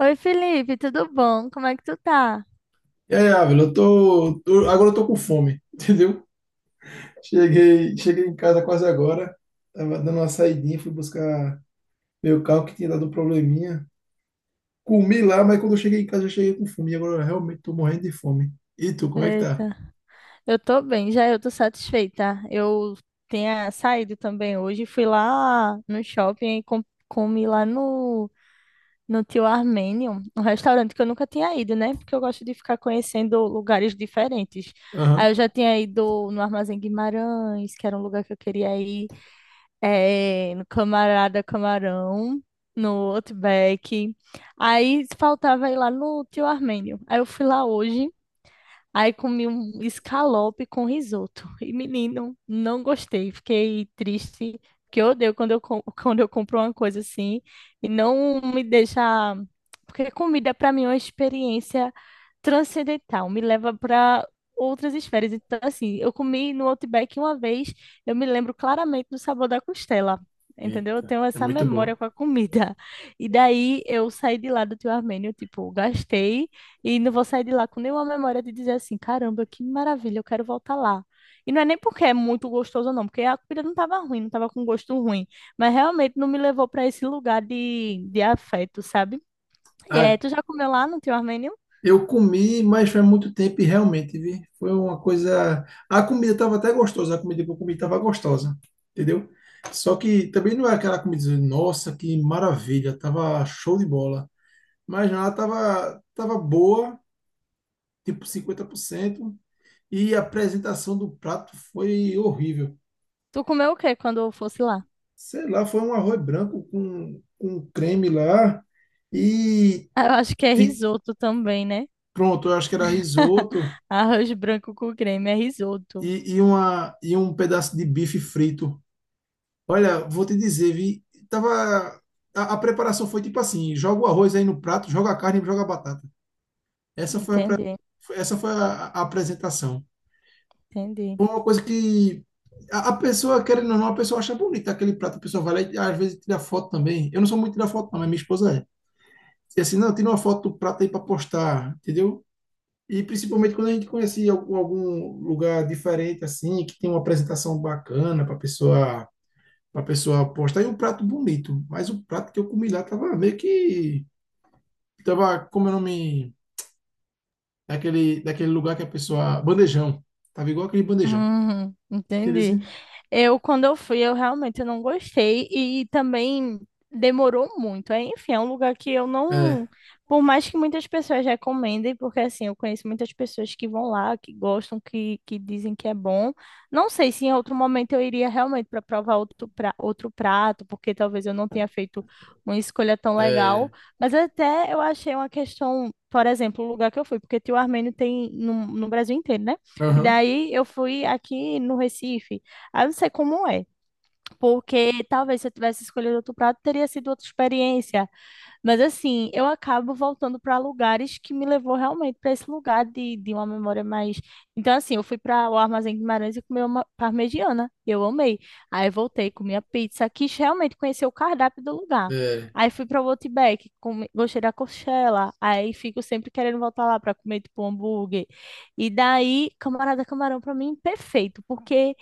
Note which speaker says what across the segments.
Speaker 1: Oi, Felipe, tudo bom? Como é que tu tá?
Speaker 2: E aí, Ávila, agora eu tô com fome, entendeu? Cheguei em casa quase agora, tava dando uma saidinha, fui buscar meu carro que tinha dado um probleminha. Comi lá, mas quando eu cheguei em casa eu cheguei com fome, e agora eu realmente tô morrendo de fome. E tu, como é que tá?
Speaker 1: Eita, eu tô bem, já eu tô satisfeita. Eu tinha saído também hoje, fui lá no shopping e comi lá no Tio Armênio, um restaurante que eu nunca tinha ido, né? Porque eu gosto de ficar conhecendo lugares diferentes.
Speaker 2: Aham.
Speaker 1: Aí eu já tinha ido no Armazém Guimarães, que era um lugar que eu queria ir. É, no Camarada Camarão, no Outback. Aí faltava ir lá no Tio Armênio. Aí eu fui lá hoje. Aí comi um escalope com risoto. E, menino, não gostei. Fiquei triste, porque eu odeio quando quando eu compro uma coisa assim e não me deixa. Porque comida, para mim, é uma experiência transcendental, me leva para outras esferas. Então, assim, eu comi no Outback uma vez, eu me lembro claramente do sabor da costela. Entendeu? Eu
Speaker 2: Eita,
Speaker 1: tenho
Speaker 2: é
Speaker 1: essa
Speaker 2: muito
Speaker 1: memória
Speaker 2: bom.
Speaker 1: com a comida. E daí eu saí de lá do Tio Armênio, tipo, gastei. E não vou sair de lá com nenhuma memória de dizer assim, caramba, que maravilha, eu quero voltar lá. E não é nem porque é muito gostoso, não, porque a comida não estava ruim, não estava com gosto ruim. Mas realmente não me levou para esse lugar de afeto, sabe? E, é, tu já comeu lá no teu armênio?
Speaker 2: Eu comi, mas faz muito tempo e realmente, vi. Foi uma coisa. A comida estava até gostosa, a comida que eu comi estava gostosa, entendeu? Só que também não é aquela comida, dizer, nossa, que maravilha, tava show de bola. Mas ela tava boa, tipo 50% e a apresentação do prato foi horrível.
Speaker 1: Tu comeu o quê quando eu fosse lá?
Speaker 2: Sei lá, foi um arroz branco com creme lá, e
Speaker 1: Ah, eu acho que é
Speaker 2: ti-
Speaker 1: risoto também, né?
Speaker 2: pronto, eu acho que era risoto,
Speaker 1: Arroz branco com creme é risoto.
Speaker 2: e um pedaço de bife frito. Olha, vou te dizer, vi, tava, a preparação foi tipo assim, joga o arroz aí no prato, joga a carne e joga a batata. Essa foi a, pre-
Speaker 1: Entendi,
Speaker 2: essa foi a apresentação.
Speaker 1: entendi.
Speaker 2: Foi uma coisa que a pessoa, querendo ou não, a pessoa acha bonita aquele prato, a pessoa vai lá e às vezes tira foto também. Eu não sou muito de tirar foto não, mas minha esposa é. E assim, não, tira uma foto do prato aí para postar, entendeu? E principalmente quando a gente conhecia algum lugar diferente, assim, que tem uma apresentação bacana para pessoa postar. E um prato bonito, mas o prato que eu comi lá tava meio que. Tava, como é o nome? Daquele lugar que a pessoa. Bandejão. Tava igual aquele bandejão.
Speaker 1: Entendi.
Speaker 2: Beleza?
Speaker 1: Eu, quando eu fui, eu realmente não gostei e também demorou muito. É, enfim, é um lugar que eu não,
Speaker 2: É,
Speaker 1: por mais que muitas pessoas recomendem, porque assim, eu conheço muitas pessoas que vão lá, que gostam, que dizem que é bom. Não sei se em outro momento eu iria realmente para provar outro, pra, outro prato, porque talvez eu não tenha feito uma escolha tão
Speaker 2: é.
Speaker 1: legal, mas até eu achei uma questão, por exemplo, o lugar que eu fui, porque Tio Armênio tem no Brasil inteiro, né? E
Speaker 2: Aham,
Speaker 1: daí eu fui aqui no Recife. Aí eu não sei como é, porque talvez se eu tivesse escolhido outro prato, teria sido outra experiência. Mas assim, eu acabo voltando para lugares que me levou realmente para esse lugar de uma memória mais. Então, assim, eu fui para o Armazém de Guimarães e comi uma parmegiana. Eu amei. Aí voltei, comi a pizza, quis realmente conhecer o cardápio do lugar.
Speaker 2: é.
Speaker 1: Aí fui para o Outback, gostei da coxela. Aí fico sempre querendo voltar lá para comer tipo um hambúrguer. E daí, Camarada Camarão para mim perfeito, porque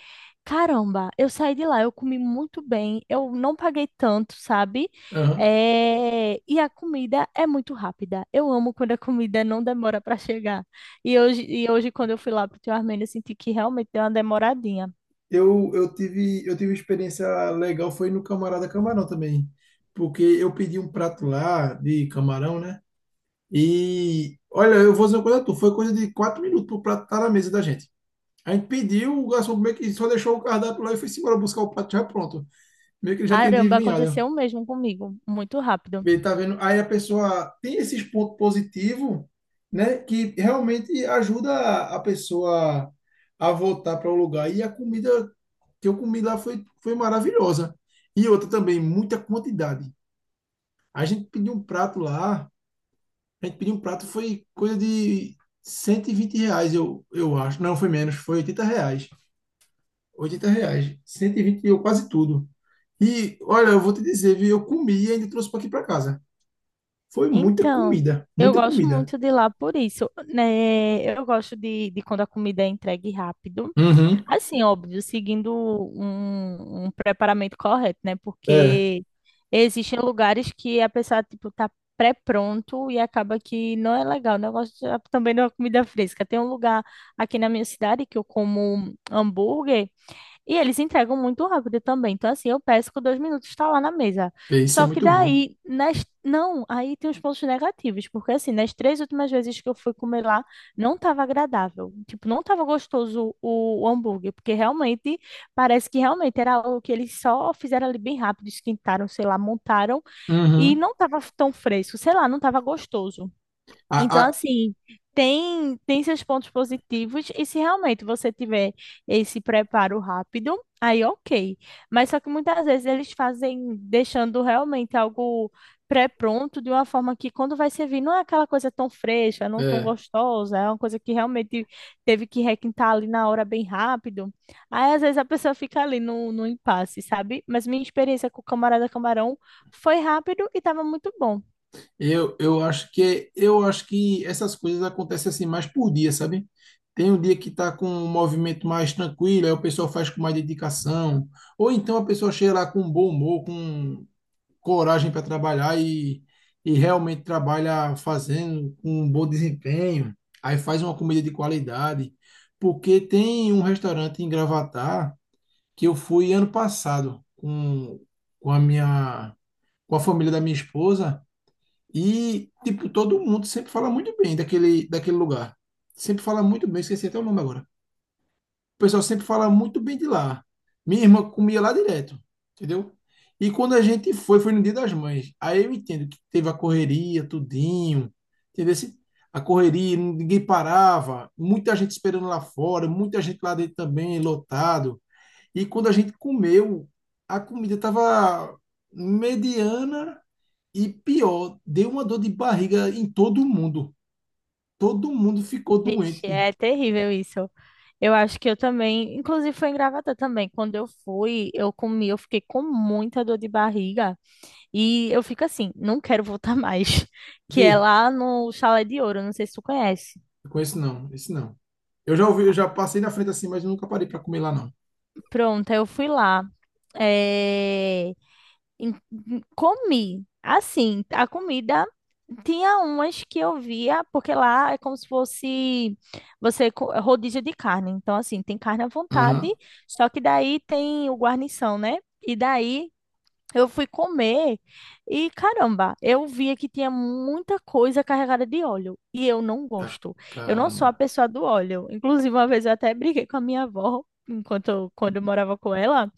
Speaker 1: caramba, eu saí de lá, eu comi muito bem, eu não paguei tanto, sabe?
Speaker 2: Aham.
Speaker 1: É, e a comida é muito rápida. Eu amo quando a comida não demora para chegar. E hoje, quando eu fui lá pro teu Armênio, eu senti que realmente deu uma demoradinha.
Speaker 2: Eu tive experiência legal, foi no Camarada Camarão também. Porque eu pedi um prato lá de camarão, né? E olha, eu vou dizer uma coisa, a tu, foi coisa de 4 minutos pro prato estar na mesa da gente. A gente pediu, o garçom meio que só deixou o cardápio lá e foi embora buscar o prato já pronto. Meio que ele já tinha
Speaker 1: Caramba,
Speaker 2: adivinhado.
Speaker 1: aconteceu o mesmo comigo, muito rápido.
Speaker 2: Ele tá vendo? Aí a pessoa tem esses pontos positivos, né? Que realmente ajuda a pessoa a voltar para o lugar. E a comida que eu comi lá foi maravilhosa. E outra também, muita quantidade. A gente pediu um prato lá, a gente pediu um prato, foi coisa de 120 reais, eu acho. Não, foi menos, foi 80 reais. 80 reais. 120 eu quase tudo. E olha, eu vou te dizer, viu? Eu comi e ainda trouxe para aqui para casa. Foi muita
Speaker 1: Então,
Speaker 2: comida,
Speaker 1: eu
Speaker 2: muita
Speaker 1: gosto
Speaker 2: comida.
Speaker 1: muito de lá por isso, né? Eu gosto de quando a comida é entregue rápido.
Speaker 2: Uhum.
Speaker 1: Assim, óbvio, seguindo um preparamento correto, né?
Speaker 2: É,
Speaker 1: Porque existem lugares que a pessoa, tipo, tá pré-pronto e acaba que não é legal. O negócio já também não é comida fresca. Tem um lugar aqui na minha cidade que eu como hambúrguer. E eles entregam muito rápido também. Então, assim, eu peço que dois minutos está lá na mesa.
Speaker 2: é, isso é
Speaker 1: Só que
Speaker 2: muito bom.
Speaker 1: daí, não, aí tem os pontos negativos. Porque, assim, nas três últimas vezes que eu fui comer lá, não estava agradável. Tipo, não estava gostoso o hambúrguer. Porque realmente, parece que realmente era algo que eles só fizeram ali bem rápido, esquentaram, sei lá, montaram. E
Speaker 2: Uhum.
Speaker 1: não estava tão fresco. Sei lá, não estava gostoso.
Speaker 2: A,
Speaker 1: Então,
Speaker 2: a-
Speaker 1: assim, tem seus pontos positivos, e se realmente você tiver esse preparo rápido, aí ok. Mas só que muitas vezes eles fazem deixando realmente algo pré-pronto de uma forma que quando vai servir não é aquela coisa tão fresca, não tão
Speaker 2: é,
Speaker 1: gostosa, é uma coisa que realmente teve que requintar ali na hora bem rápido. Aí às vezes a pessoa fica ali no impasse, sabe? Mas minha experiência com o Camarada Camarão foi rápido e estava muito bom.
Speaker 2: eu acho que essas coisas acontecem assim mais por dia, sabe? Tem um dia que tá com um movimento mais tranquilo, aí o pessoal faz com mais dedicação, ou então a pessoa chega lá com um bom humor, com um coragem para trabalhar e realmente trabalha fazendo com um bom desempenho, aí faz uma comida de qualidade. Porque tem um restaurante em Gravatar que eu fui ano passado com a minha, com a família da minha esposa e, tipo, todo mundo sempre fala muito bem daquele lugar. Sempre fala muito bem, esqueci até o nome agora. O pessoal sempre fala muito bem de lá. Minha irmã comia lá direto, entendeu? E quando a gente foi, foi no Dia das Mães. Aí eu entendo que teve a correria, tudinho, entendeu? A correria, ninguém parava, muita gente esperando lá fora, muita gente lá dentro também, lotado. E quando a gente comeu, a comida estava mediana e pior, deu uma dor de barriga em todo mundo. Todo mundo ficou
Speaker 1: Vixe,
Speaker 2: doente.
Speaker 1: é terrível isso. Eu acho que eu também, inclusive foi em Gravatá também. Quando eu fui, eu comi, eu fiquei com muita dor de barriga e eu fico assim, não quero voltar mais, que
Speaker 2: Vê,
Speaker 1: é lá no Chalé de Ouro, não sei se tu conhece.
Speaker 2: eu conheço não, esse não. Eu já ouvi, eu
Speaker 1: Ah,
Speaker 2: já passei na frente assim, mas eu nunca parei para comer lá, não.
Speaker 1: pronto, aí eu fui lá, eh, comi. Assim, a comida tinha umas que eu via, porque lá é como se fosse é rodízio de carne. Então, assim, tem carne à vontade,
Speaker 2: Aham.
Speaker 1: só que daí tem o guarnição, né? E daí eu fui comer e caramba, eu via que tinha muita coisa carregada de óleo e eu não
Speaker 2: Tá,
Speaker 1: gosto. Eu não sou a
Speaker 2: caramba.
Speaker 1: pessoa do óleo. Inclusive, uma vez eu até briguei com a minha avó, enquanto quando eu morava com ela,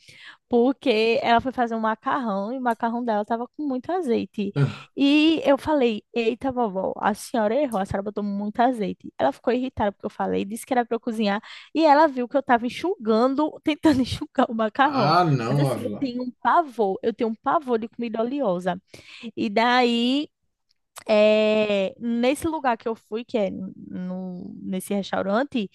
Speaker 1: porque ela foi fazer um macarrão e o macarrão dela estava com muito azeite.
Speaker 2: Ah,
Speaker 1: E eu falei: Eita, vovó, a senhora errou, a senhora botou muito azeite. Ela ficou irritada porque eu falei, disse que era para eu cozinhar. E ela viu que eu estava enxugando, tentando enxugar o macarrão.
Speaker 2: ah,
Speaker 1: Mas
Speaker 2: não,
Speaker 1: assim,
Speaker 2: Ávila.
Speaker 1: eu tenho um pavor de comida oleosa. E daí, nesse lugar que eu fui, que é no, nesse restaurante.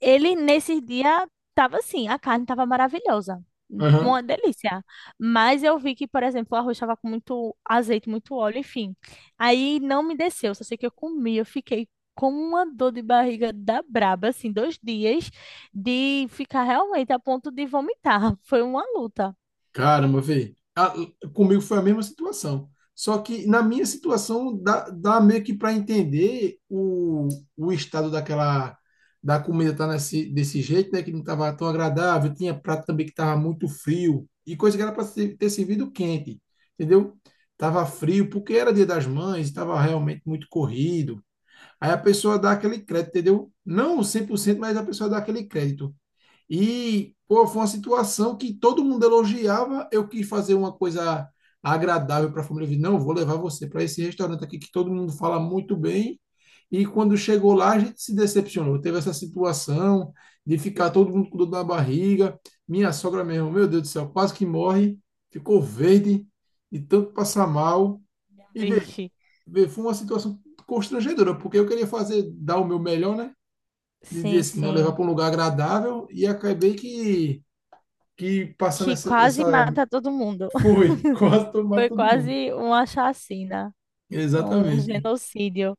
Speaker 1: Ele, nesse dia, tava assim, a carne tava maravilhosa.
Speaker 2: Aham.
Speaker 1: Uma delícia. Mas eu vi que, por exemplo, o arroz estava com muito azeite, muito óleo, enfim. Aí não me desceu, só sei que eu comi, eu fiquei com uma dor de barriga da braba, assim, dois dias, de ficar realmente a ponto de vomitar. Foi uma luta.
Speaker 2: Caramba, véi. Ah, comigo foi a mesma situação. Só que na minha situação dá meio que para entender o estado daquela da comida tá desse jeito, né? Que não tava tão agradável. Tinha prato também que tava muito frio. E coisa que era para ter servido quente, entendeu? Tava frio porque era Dia das Mães, estava realmente muito corrido. Aí a pessoa dá aquele crédito, entendeu? Não 100%, mas a pessoa dá aquele crédito. E, pô, foi uma situação que todo mundo elogiava, eu quis fazer uma coisa agradável para a família. Eu disse, não, vou levar você para esse restaurante aqui que todo mundo fala muito bem. E quando chegou lá, a gente se decepcionou. Teve essa situação de ficar todo mundo com dor na barriga. Minha sogra mesmo, meu Deus do céu, quase que morre. Ficou verde de tanto passar mal. E
Speaker 1: Vixe.
Speaker 2: vê, foi uma situação constrangedora, porque eu queria fazer, dar o meu melhor, né? De dizer
Speaker 1: Sim,
Speaker 2: assim, não levar
Speaker 1: sim.
Speaker 2: para um lugar agradável e acabei que, passando
Speaker 1: Que
Speaker 2: essa,
Speaker 1: quase
Speaker 2: essa.
Speaker 1: mata todo mundo.
Speaker 2: Foi, quase tomar
Speaker 1: Foi
Speaker 2: todo mundo.
Speaker 1: quase uma chacina, um
Speaker 2: Exatamente.
Speaker 1: genocídio.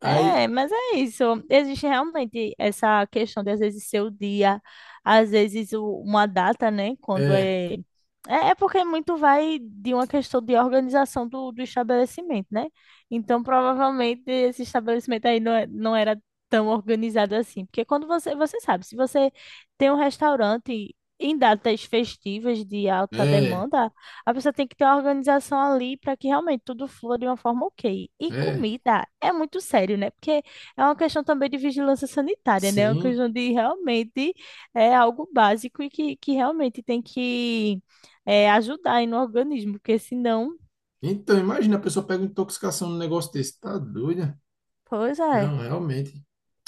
Speaker 2: Aí,
Speaker 1: É, mas é isso. Existe realmente essa questão de às vezes ser o dia, às vezes uma data, né? Quando
Speaker 2: é,
Speaker 1: é. É porque muito vai de uma questão de organização do estabelecimento, né? Então, provavelmente, esse estabelecimento aí não, não era tão organizado assim. Porque quando você, você sabe, se você tem um restaurante em datas festivas de alta
Speaker 2: é,
Speaker 1: demanda, a pessoa tem que ter uma organização ali para que realmente tudo flua de uma forma ok. E
Speaker 2: é,
Speaker 1: comida é muito sério, né? Porque é uma questão também de vigilância sanitária, né? É uma
Speaker 2: sim.
Speaker 1: questão de realmente é algo básico e que, realmente tem que é, ajudar aí no organismo, porque senão,
Speaker 2: Então, imagina, a pessoa pega uma intoxicação num negócio desse. Tá doida?
Speaker 1: pois é.
Speaker 2: Não, realmente.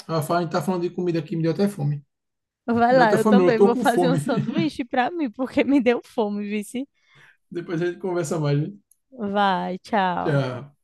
Speaker 2: Ah, a gente tá falando de comida aqui, me deu até fome.
Speaker 1: Vai
Speaker 2: Não deu
Speaker 1: lá,
Speaker 2: até
Speaker 1: eu
Speaker 2: fome, não, eu
Speaker 1: também
Speaker 2: tô
Speaker 1: vou
Speaker 2: com
Speaker 1: fazer um
Speaker 2: fome.
Speaker 1: sanduíche para mim, porque me deu fome, vice.
Speaker 2: Depois a gente conversa mais, né?
Speaker 1: Vai, tchau.
Speaker 2: Tchau.